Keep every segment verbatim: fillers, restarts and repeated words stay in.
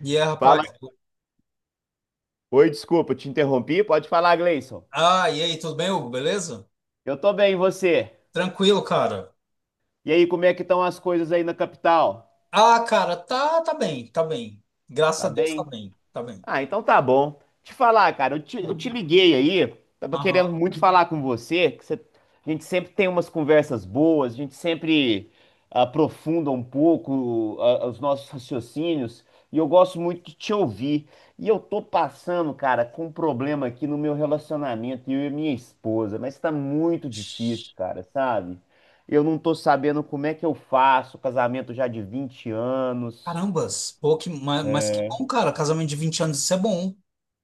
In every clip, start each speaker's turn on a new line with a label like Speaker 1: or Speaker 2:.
Speaker 1: E aí, rapaz?
Speaker 2: Fala. Oi, desculpa, te interrompi. Pode falar, Gleison.
Speaker 1: Ah, e aí, tudo bem, Hugo? Beleza?
Speaker 2: Eu tô bem, e você?
Speaker 1: Tranquilo, cara.
Speaker 2: E aí, como é que estão as coisas aí na capital?
Speaker 1: Ah, cara, tá, tá bem, tá bem. Graças a
Speaker 2: Tá
Speaker 1: Deus, tá
Speaker 2: bem?
Speaker 1: bem, tá bem.
Speaker 2: Ah, então tá bom. Te falar, cara, eu te, eu te liguei aí, tava querendo
Speaker 1: Aham.
Speaker 2: muito falar com você, que você- a gente sempre tem umas conversas boas, a gente sempre ah, aprofunda um pouco ah, os nossos raciocínios, e eu gosto muito de te ouvir. E eu tô passando, cara, com um problema aqui no meu relacionamento, eu e minha esposa, mas tá muito difícil, cara, sabe? Eu não tô sabendo como é que eu faço, casamento já de vinte anos.
Speaker 1: Carambas, pô, que, mas, mas que bom, cara. Casamento de vinte anos, isso é bom.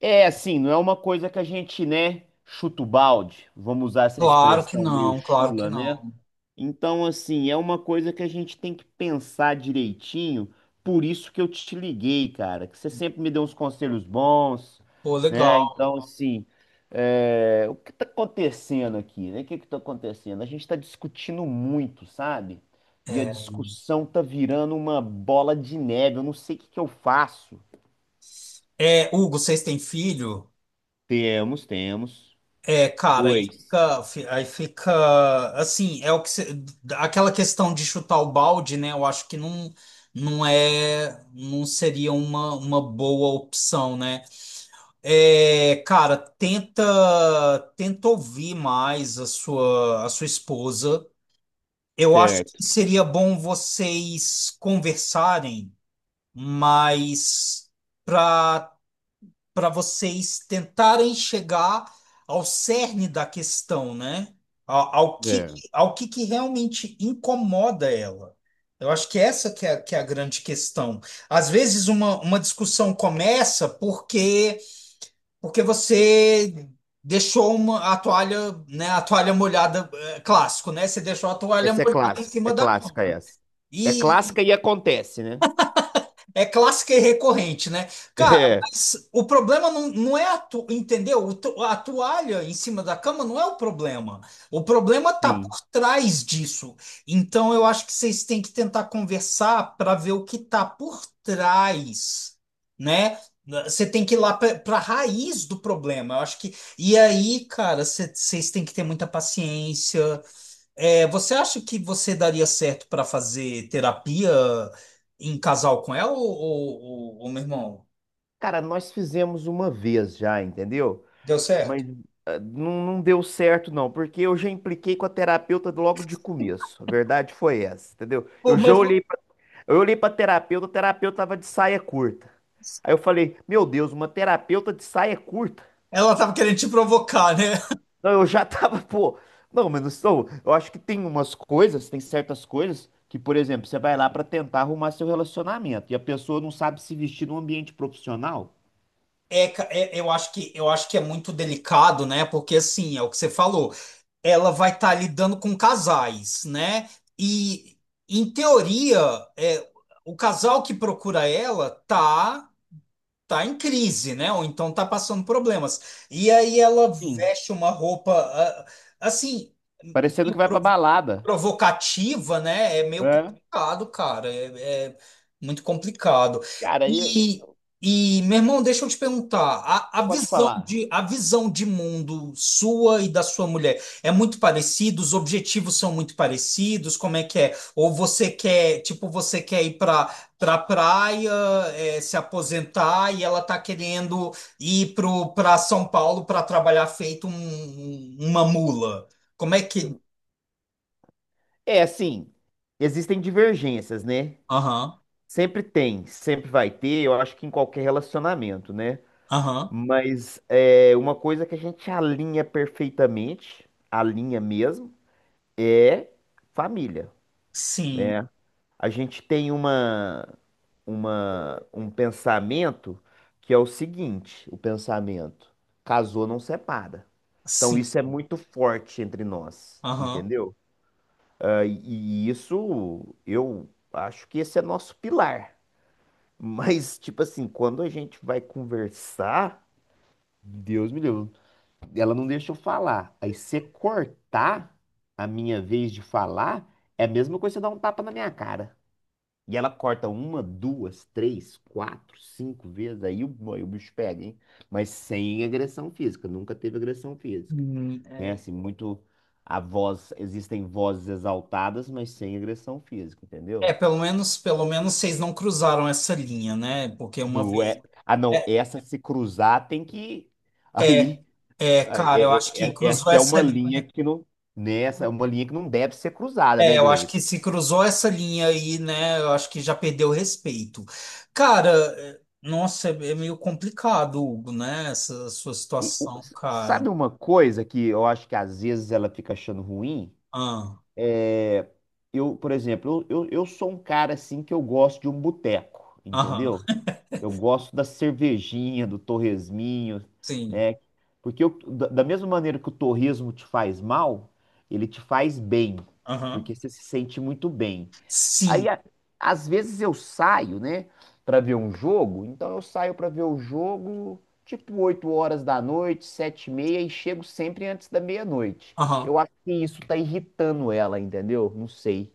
Speaker 2: É assim, não é uma coisa que a gente, né, chuta o balde, vamos usar essa
Speaker 1: Claro que
Speaker 2: expressão meio
Speaker 1: não, claro que
Speaker 2: chula, né?
Speaker 1: não.
Speaker 2: Então, assim, é uma coisa que a gente tem que pensar direitinho, por isso que eu te liguei, cara, que você sempre me deu uns conselhos bons,
Speaker 1: Pô,
Speaker 2: né? Então,
Speaker 1: legal.
Speaker 2: assim, é, o que tá acontecendo aqui, né? O que que tá acontecendo? A gente tá discutindo muito, sabe? E a
Speaker 1: É,
Speaker 2: discussão tá virando uma bola de neve, eu não sei o que que eu faço.
Speaker 1: é, Hugo, vocês têm filho?
Speaker 2: Temos, temos.
Speaker 1: É, cara, aí
Speaker 2: Dois.
Speaker 1: fica, fi- aí fica assim, é o que cê- aquela questão de chutar o balde, né? Eu acho que não, não é, não seria uma, uma boa opção, né? É, cara, tenta, tenta ouvir mais a sua, a sua esposa. Eu acho
Speaker 2: Certo.
Speaker 1: que seria bom vocês conversarem, mas para para vocês tentarem chegar ao cerne da questão, né? Ao, ao que,
Speaker 2: É.
Speaker 1: ao que que realmente incomoda ela. Eu acho que essa que é, que é a grande questão. Às vezes uma, uma discussão começa porque porque você deixou uma, a toalha, né, a toalha molhada, é, clássico, né? Você deixou a toalha
Speaker 2: Essa é
Speaker 1: molhada em
Speaker 2: clássico, é
Speaker 1: cima da cama.
Speaker 2: clássica essa. É
Speaker 1: E,
Speaker 2: clássica e acontece, né?
Speaker 1: é clássica e recorrente, né? Cara,
Speaker 2: É.
Speaker 1: mas o problema não, não é a tu, entendeu? O tu- A toalha em cima da cama não é o problema. O problema tá
Speaker 2: Sim.
Speaker 1: por trás disso. Então eu acho que vocês têm que tentar conversar para ver o que tá por trás, né? Você tem que ir lá para a raiz do problema. Eu acho que. E aí, cara, cê- vocês têm que ter muita paciência. É, você acha que você daria certo para fazer terapia em casal com ela ou, ou, ou- ou, meu irmão?
Speaker 2: Cara, nós fizemos uma vez já, entendeu?
Speaker 1: Deu certo?
Speaker 2: Mas ah, não, não deu certo, não, porque eu já impliquei com a terapeuta logo de começo. A verdade foi essa, entendeu?
Speaker 1: Pô,
Speaker 2: Eu já
Speaker 1: mas
Speaker 2: olhei pra, eu olhei pra terapeuta, a terapeuta tava de saia curta. Aí eu falei, meu Deus, uma terapeuta de saia curta?
Speaker 1: ela tava querendo te provocar, né?
Speaker 2: Não, eu já tava, pô. Não, mas não sou. Eu acho que tem umas coisas, tem certas coisas que, por exemplo, você vai lá pra tentar arrumar seu relacionamento e a pessoa não sabe se vestir num ambiente profissional.
Speaker 1: É, ca- é, eu acho que eu acho que é muito delicado, né? Porque assim, é o que você falou, ela vai estar lidando com casais, né? E em teoria, é, o casal que procura ela tá tá em crise, né? Ou então tá passando problemas. E aí ela
Speaker 2: Sim.
Speaker 1: veste uma roupa ah, assim,
Speaker 2: Parecendo que vai pra balada.
Speaker 1: provocativa, né? É meio
Speaker 2: É.
Speaker 1: complicado, cara. É, é muito complicado.
Speaker 2: Cara, aí
Speaker 1: E, e, meu irmão, deixa eu te perguntar, a, a
Speaker 2: pode
Speaker 1: visão
Speaker 2: falar.
Speaker 1: de, a visão de mundo sua e da sua mulher é muito parecida? Os objetivos são muito parecidos? Como é que é? Ou você quer, tipo, você quer ir para pra pra praia, é, se aposentar e ela tá querendo ir pro, pra São Paulo para trabalhar feito um- um, uma mula? Como é que...
Speaker 2: É assim, existem divergências, né?
Speaker 1: Aham.
Speaker 2: Sempre tem, sempre vai ter, eu acho que em qualquer relacionamento, né?
Speaker 1: Aham.
Speaker 2: Mas é uma coisa que a gente alinha perfeitamente, alinha mesmo, é família.
Speaker 1: Sim,
Speaker 2: Né? A gente tem uma, uma, um pensamento que é o seguinte, o pensamento, casou não separa. Então
Speaker 1: sim.
Speaker 2: isso é muito forte entre nós,
Speaker 1: Aham.
Speaker 2: entendeu? Ah, e e isso eu acho que esse é nosso pilar. Mas, tipo assim, quando a gente vai conversar, Deus me livre, ela não deixa eu falar. Aí você cortar a minha vez de falar é a mesma coisa que você dar um tapa na minha cara. E ela corta uma, duas, três, quatro, cinco vezes, aí o, aí o bicho pega, hein? Mas sem agressão física, nunca teve agressão física.
Speaker 1: Hum,
Speaker 2: Né? Assim, muito a voz, existem vozes exaltadas, mas sem agressão física,
Speaker 1: é,
Speaker 2: entendeu?
Speaker 1: é, pelo menos, pelo menos vocês não cruzaram essa linha, né? Porque uma
Speaker 2: Não
Speaker 1: vez.
Speaker 2: é. Ah, não,
Speaker 1: É,
Speaker 2: essa se cruzar tem que.
Speaker 1: é,
Speaker 2: Aí,
Speaker 1: é,
Speaker 2: aí,
Speaker 1: cara, eu acho
Speaker 2: é- é-
Speaker 1: que
Speaker 2: é-
Speaker 1: cruzou
Speaker 2: essa é
Speaker 1: essa
Speaker 2: uma linha
Speaker 1: linha.
Speaker 2: que não. Nessa é uma linha que não deve ser cruzada, né,
Speaker 1: É, eu acho que
Speaker 2: Gleice?
Speaker 1: se cruzou essa linha aí, né? Eu acho que já perdeu o respeito. Cara, é, nossa, é é meio complicado, Hugo, né? Essa sua
Speaker 2: E, o-
Speaker 1: situação, cara.
Speaker 2: sabe uma coisa que eu acho que às vezes ela fica achando ruim?
Speaker 1: Ah,
Speaker 2: É, eu, por exemplo, eu, eu, eu sou um cara assim que eu gosto de um boteco,
Speaker 1: aham,
Speaker 2: entendeu? Eu gosto da cervejinha, do torresminho,
Speaker 1: sim,
Speaker 2: né? Porque eu- da, da mesma maneira que o torresmo te faz mal, ele te faz bem,
Speaker 1: aham,
Speaker 2: porque você se sente muito bem. Aí,
Speaker 1: sim,
Speaker 2: a- às vezes eu saio, né, pra ver um jogo. Então eu saio pra ver o jogo tipo oito horas da noite, sete e meia e chego sempre antes da meia-noite.
Speaker 1: aham.
Speaker 2: Eu acho que isso tá irritando ela, entendeu? Não sei.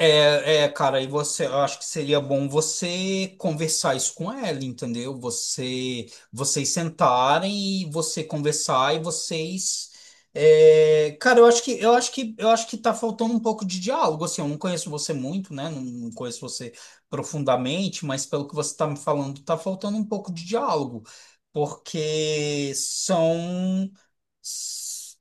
Speaker 1: É, é, cara, e você, eu acho que seria bom você conversar isso com ela, entendeu? Você, vocês sentarem e você conversar e vocês, é, cara, eu acho que, eu acho que, eu acho que tá faltando um pouco de diálogo, assim, eu não conheço você muito, né? Não, não conheço você profundamente, mas pelo que você tá me falando, tá faltando um pouco de diálogo, porque são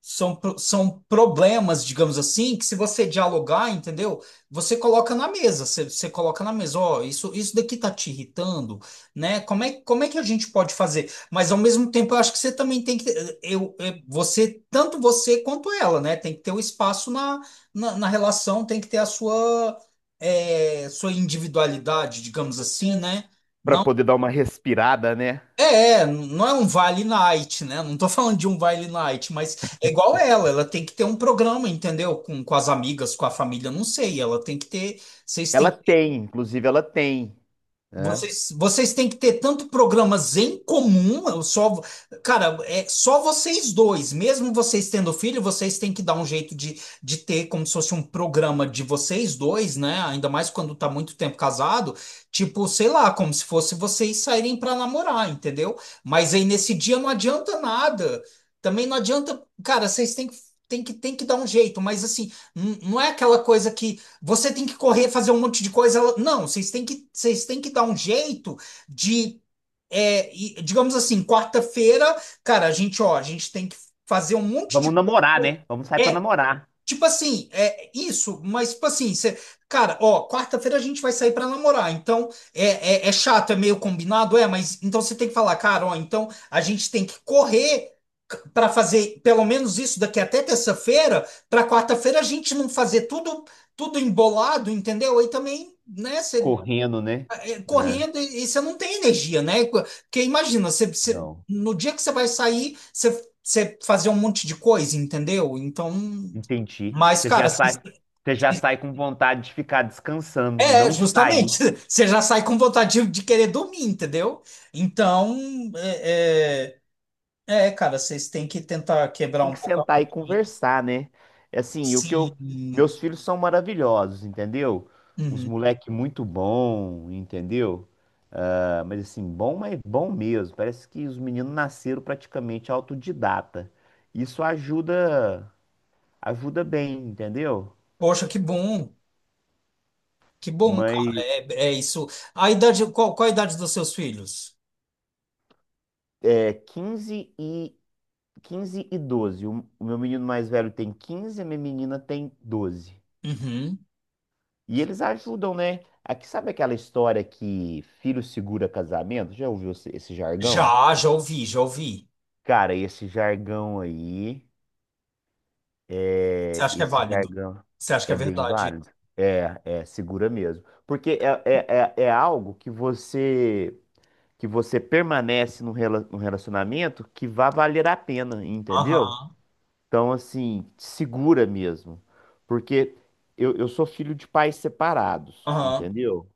Speaker 1: são, pro- são problemas, digamos assim, que se você dialogar, entendeu? Você coloca na mesa, você, você coloca na mesa, ó, isso, isso daqui tá te irritando, né? Como é, como é que a gente pode fazer? Mas ao mesmo tempo, eu acho que você também tem que, ter- eu, eu- você, tanto você quanto ela, né? Tem que ter o espaço na, na, na relação, tem que ter a sua, é, sua individualidade, digamos assim, né?
Speaker 2: Pra poder dar uma respirada, né?
Speaker 1: É, é, não é um Vale Night, né? Não tô falando de um Vale Night, mas é igual ela, ela tem que ter um programa, entendeu? Com, com as amigas, com a família, não sei. Ela tem que ter, vocês
Speaker 2: Ela
Speaker 1: têm
Speaker 2: tem, inclusive ela tem, né?
Speaker 1: vocês, vocês têm que ter tanto programas em comum, eu só, cara, é só vocês dois, mesmo vocês tendo filho, vocês têm que dar um jeito de, de ter como se fosse um programa de vocês dois, né? Ainda mais quando tá muito tempo casado, tipo, sei lá, como se fosse vocês saírem para namorar, entendeu? Mas aí nesse dia não adianta nada. Também não adianta, cara, vocês têm que Tem que, tem que dar um jeito, mas assim, n- não é aquela coisa que você tem que correr, fazer um monte de coisa. Não, vocês têm que, vocês têm que dar um jeito de, é, e, digamos assim, quarta-feira, cara, a gente, ó, a gente tem que fazer um monte de
Speaker 2: Vamos namorar,
Speaker 1: coisa.
Speaker 2: né? Vamos sair pra
Speaker 1: É,
Speaker 2: namorar.
Speaker 1: tipo assim, é isso, mas tipo assim, cê- cara, ó, quarta-feira a gente vai sair pra namorar, então é, é, é chato, é meio combinado, é, mas então você tem que falar, cara, ó, então a gente tem que correr c- pra fazer pelo menos isso daqui até terça-feira, pra quarta-feira a gente não fazer tudo tudo embolado, entendeu? Aí também, né, você
Speaker 2: Correndo, né? É,
Speaker 1: correndo e você não tem energia, né? Porque imagina, você você-
Speaker 2: não.
Speaker 1: no dia que você vai sair, você você fazer um monte de coisa, entendeu? Então
Speaker 2: Entendi.
Speaker 1: mas,
Speaker 2: Você
Speaker 1: cara,
Speaker 2: já
Speaker 1: assim,
Speaker 2: sai, você já sai com vontade de ficar descansando e
Speaker 1: é,
Speaker 2: não de
Speaker 1: justamente.
Speaker 2: sair.
Speaker 1: Você já sai com vontade de de querer dormir, entendeu? Então, é, é, é, cara, vocês têm que tentar quebrar
Speaker 2: Tem
Speaker 1: um
Speaker 2: que
Speaker 1: pouco a
Speaker 2: sentar e
Speaker 1: rotina.
Speaker 2: conversar, né? É, assim, o que eu.
Speaker 1: Sim.
Speaker 2: Meus filhos são maravilhosos, entendeu? Uns
Speaker 1: Uhum.
Speaker 2: moleque muito bom, entendeu? Ah, Mas assim, bom, mas bom mesmo. Parece que os meninos nasceram praticamente autodidata. Isso ajuda, ajuda bem, entendeu?
Speaker 1: Poxa, que bom. Que bom, cara.
Speaker 2: Mas
Speaker 1: É, é isso. A idade, qual, qual a idade dos seus filhos?
Speaker 2: é quinze e quinze e doze. O o meu menino mais velho tem quinze, a minha menina tem doze.
Speaker 1: Uhum.
Speaker 2: E eles ajudam, né? Aqui, sabe aquela história que filho segura casamento? Já ouviu esse esse jargão?
Speaker 1: Já, já ouvi, já ouvi.
Speaker 2: Cara, esse jargão aí,
Speaker 1: Você
Speaker 2: é,
Speaker 1: acha que é
Speaker 2: esse
Speaker 1: válido?
Speaker 2: jargão
Speaker 1: Você acha que é
Speaker 2: é bem
Speaker 1: verdade?
Speaker 2: válido. É, é, segura mesmo. Porque é, é, é, é algo que você que você permanece num rela- num relacionamento que vai valer a pena, entendeu?
Speaker 1: Aham,
Speaker 2: Então, assim, segura mesmo. Porque eu, eu sou filho de pais separados,
Speaker 1: aham.
Speaker 2: entendeu?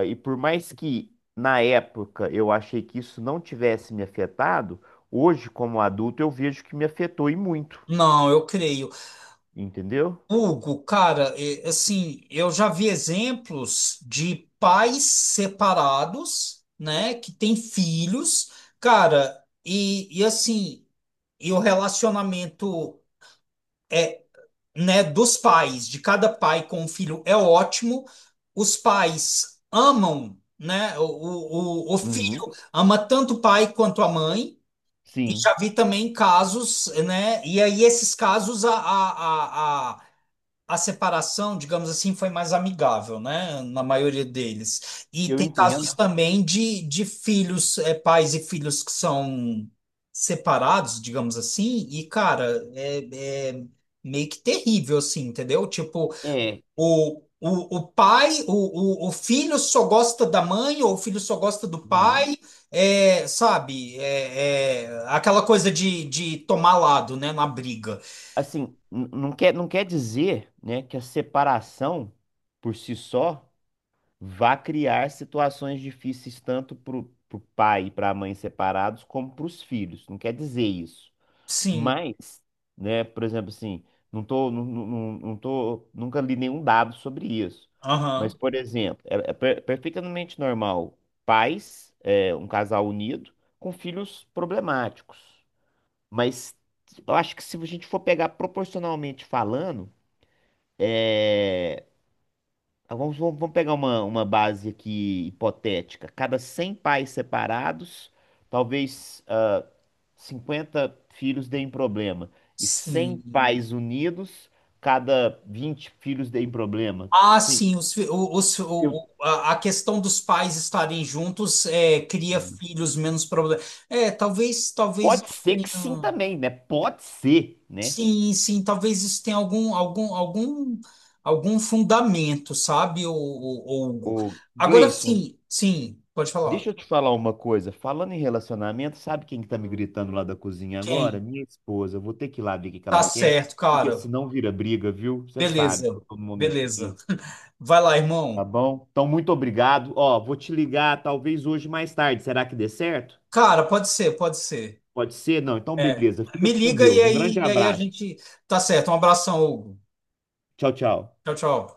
Speaker 2: Ah, E por mais que na época eu achei que isso não tivesse me afetado, hoje, como adulto, eu vejo que me afetou e muito,
Speaker 1: Não, eu creio.
Speaker 2: entendeu?
Speaker 1: Hugo, cara, é, assim, eu já vi exemplos de pais separados, né, que têm filhos, cara, e, e assim, e o relacionamento, né, dos pais, de cada pai com o filho é ótimo. Os pais amam, né, o, o, o o filho
Speaker 2: Uhum,
Speaker 1: ama tanto o pai quanto a mãe, e
Speaker 2: sim,
Speaker 1: já vi também casos, né, e aí esses casos a, a, a, a separação, digamos assim, foi mais amigável, né? Na maioria deles. E
Speaker 2: eu
Speaker 1: tem casos
Speaker 2: entendo.
Speaker 1: também de, de filhos, é, pais e filhos que são separados, digamos assim, e, cara, é, é meio que terrível, assim, entendeu? Tipo,
Speaker 2: É,
Speaker 1: o, o, o pai, o, o, o filho só gosta da mãe, ou o filho só gosta do
Speaker 2: Uhum,
Speaker 1: pai, é, sabe? É, é aquela coisa de, de tomar lado, né? Na briga.
Speaker 2: assim, n- não quer, não quer dizer, né, que a separação por si só vá criar situações difíceis tanto para o pai e para a mãe separados como para os filhos. Não quer dizer isso.
Speaker 1: Sim.
Speaker 2: Mas, né, por exemplo, assim, não tô, não, não, não não tô, nunca li nenhum dado sobre isso. Mas,
Speaker 1: Aham.
Speaker 2: por exemplo, é, é per- perfeitamente normal pais, é, um casal unido, com filhos problemáticos. Mas eu acho que se a gente for pegar proporcionalmente falando, ah, vamos, vamos vamos pegar uma, uma base aqui hipotética. Cada cem pais separados, talvez. Cinquenta filhos deem problema e cem
Speaker 1: Sim.
Speaker 2: pais unidos, cada vinte filhos deem problema.
Speaker 1: Ah,
Speaker 2: Sim,
Speaker 1: sim, os, fi- o- os- o-
Speaker 2: eu
Speaker 1: o- a a questão dos pais estarem juntos é, cria
Speaker 2: Hum.
Speaker 1: filhos menos problemas. É, talvez, talvez
Speaker 2: pode
Speaker 1: isso
Speaker 2: ser que sim
Speaker 1: tenha-
Speaker 2: também, né? Pode ser, né?
Speaker 1: Sim, sim, talvez isso tenha algum, algum, algum, algum fundamento, sabe, o, o, Hugo?
Speaker 2: Ô,
Speaker 1: Agora
Speaker 2: Gleison,
Speaker 1: sim, sim, pode falar.
Speaker 2: deixa eu te falar uma coisa. Falando em relacionamento, sabe quem que tá me gritando lá da cozinha agora?
Speaker 1: Quem?
Speaker 2: Minha esposa. Eu vou ter que ir lá ver o que que
Speaker 1: Tá
Speaker 2: ela quer,
Speaker 1: certo,
Speaker 2: porque
Speaker 1: cara.
Speaker 2: senão vira briga, viu? Você sabe que
Speaker 1: Beleza,
Speaker 2: eu tô num momento
Speaker 1: beleza.
Speaker 2: difícil,
Speaker 1: Vai lá,
Speaker 2: tá
Speaker 1: irmão.
Speaker 2: bom? Então, muito obrigado. Ó, vou te ligar talvez hoje mais tarde. Será que dê certo?
Speaker 1: Cara, pode ser, pode ser.
Speaker 2: Pode ser? Não, então
Speaker 1: É.
Speaker 2: beleza. Fica
Speaker 1: Me
Speaker 2: com
Speaker 1: liga e
Speaker 2: Deus. Um grande
Speaker 1: aí, e aí a
Speaker 2: abraço.
Speaker 1: gente. Tá certo. Um abração, Hugo.
Speaker 2: Tchau, tchau.
Speaker 1: Tchau, tchau.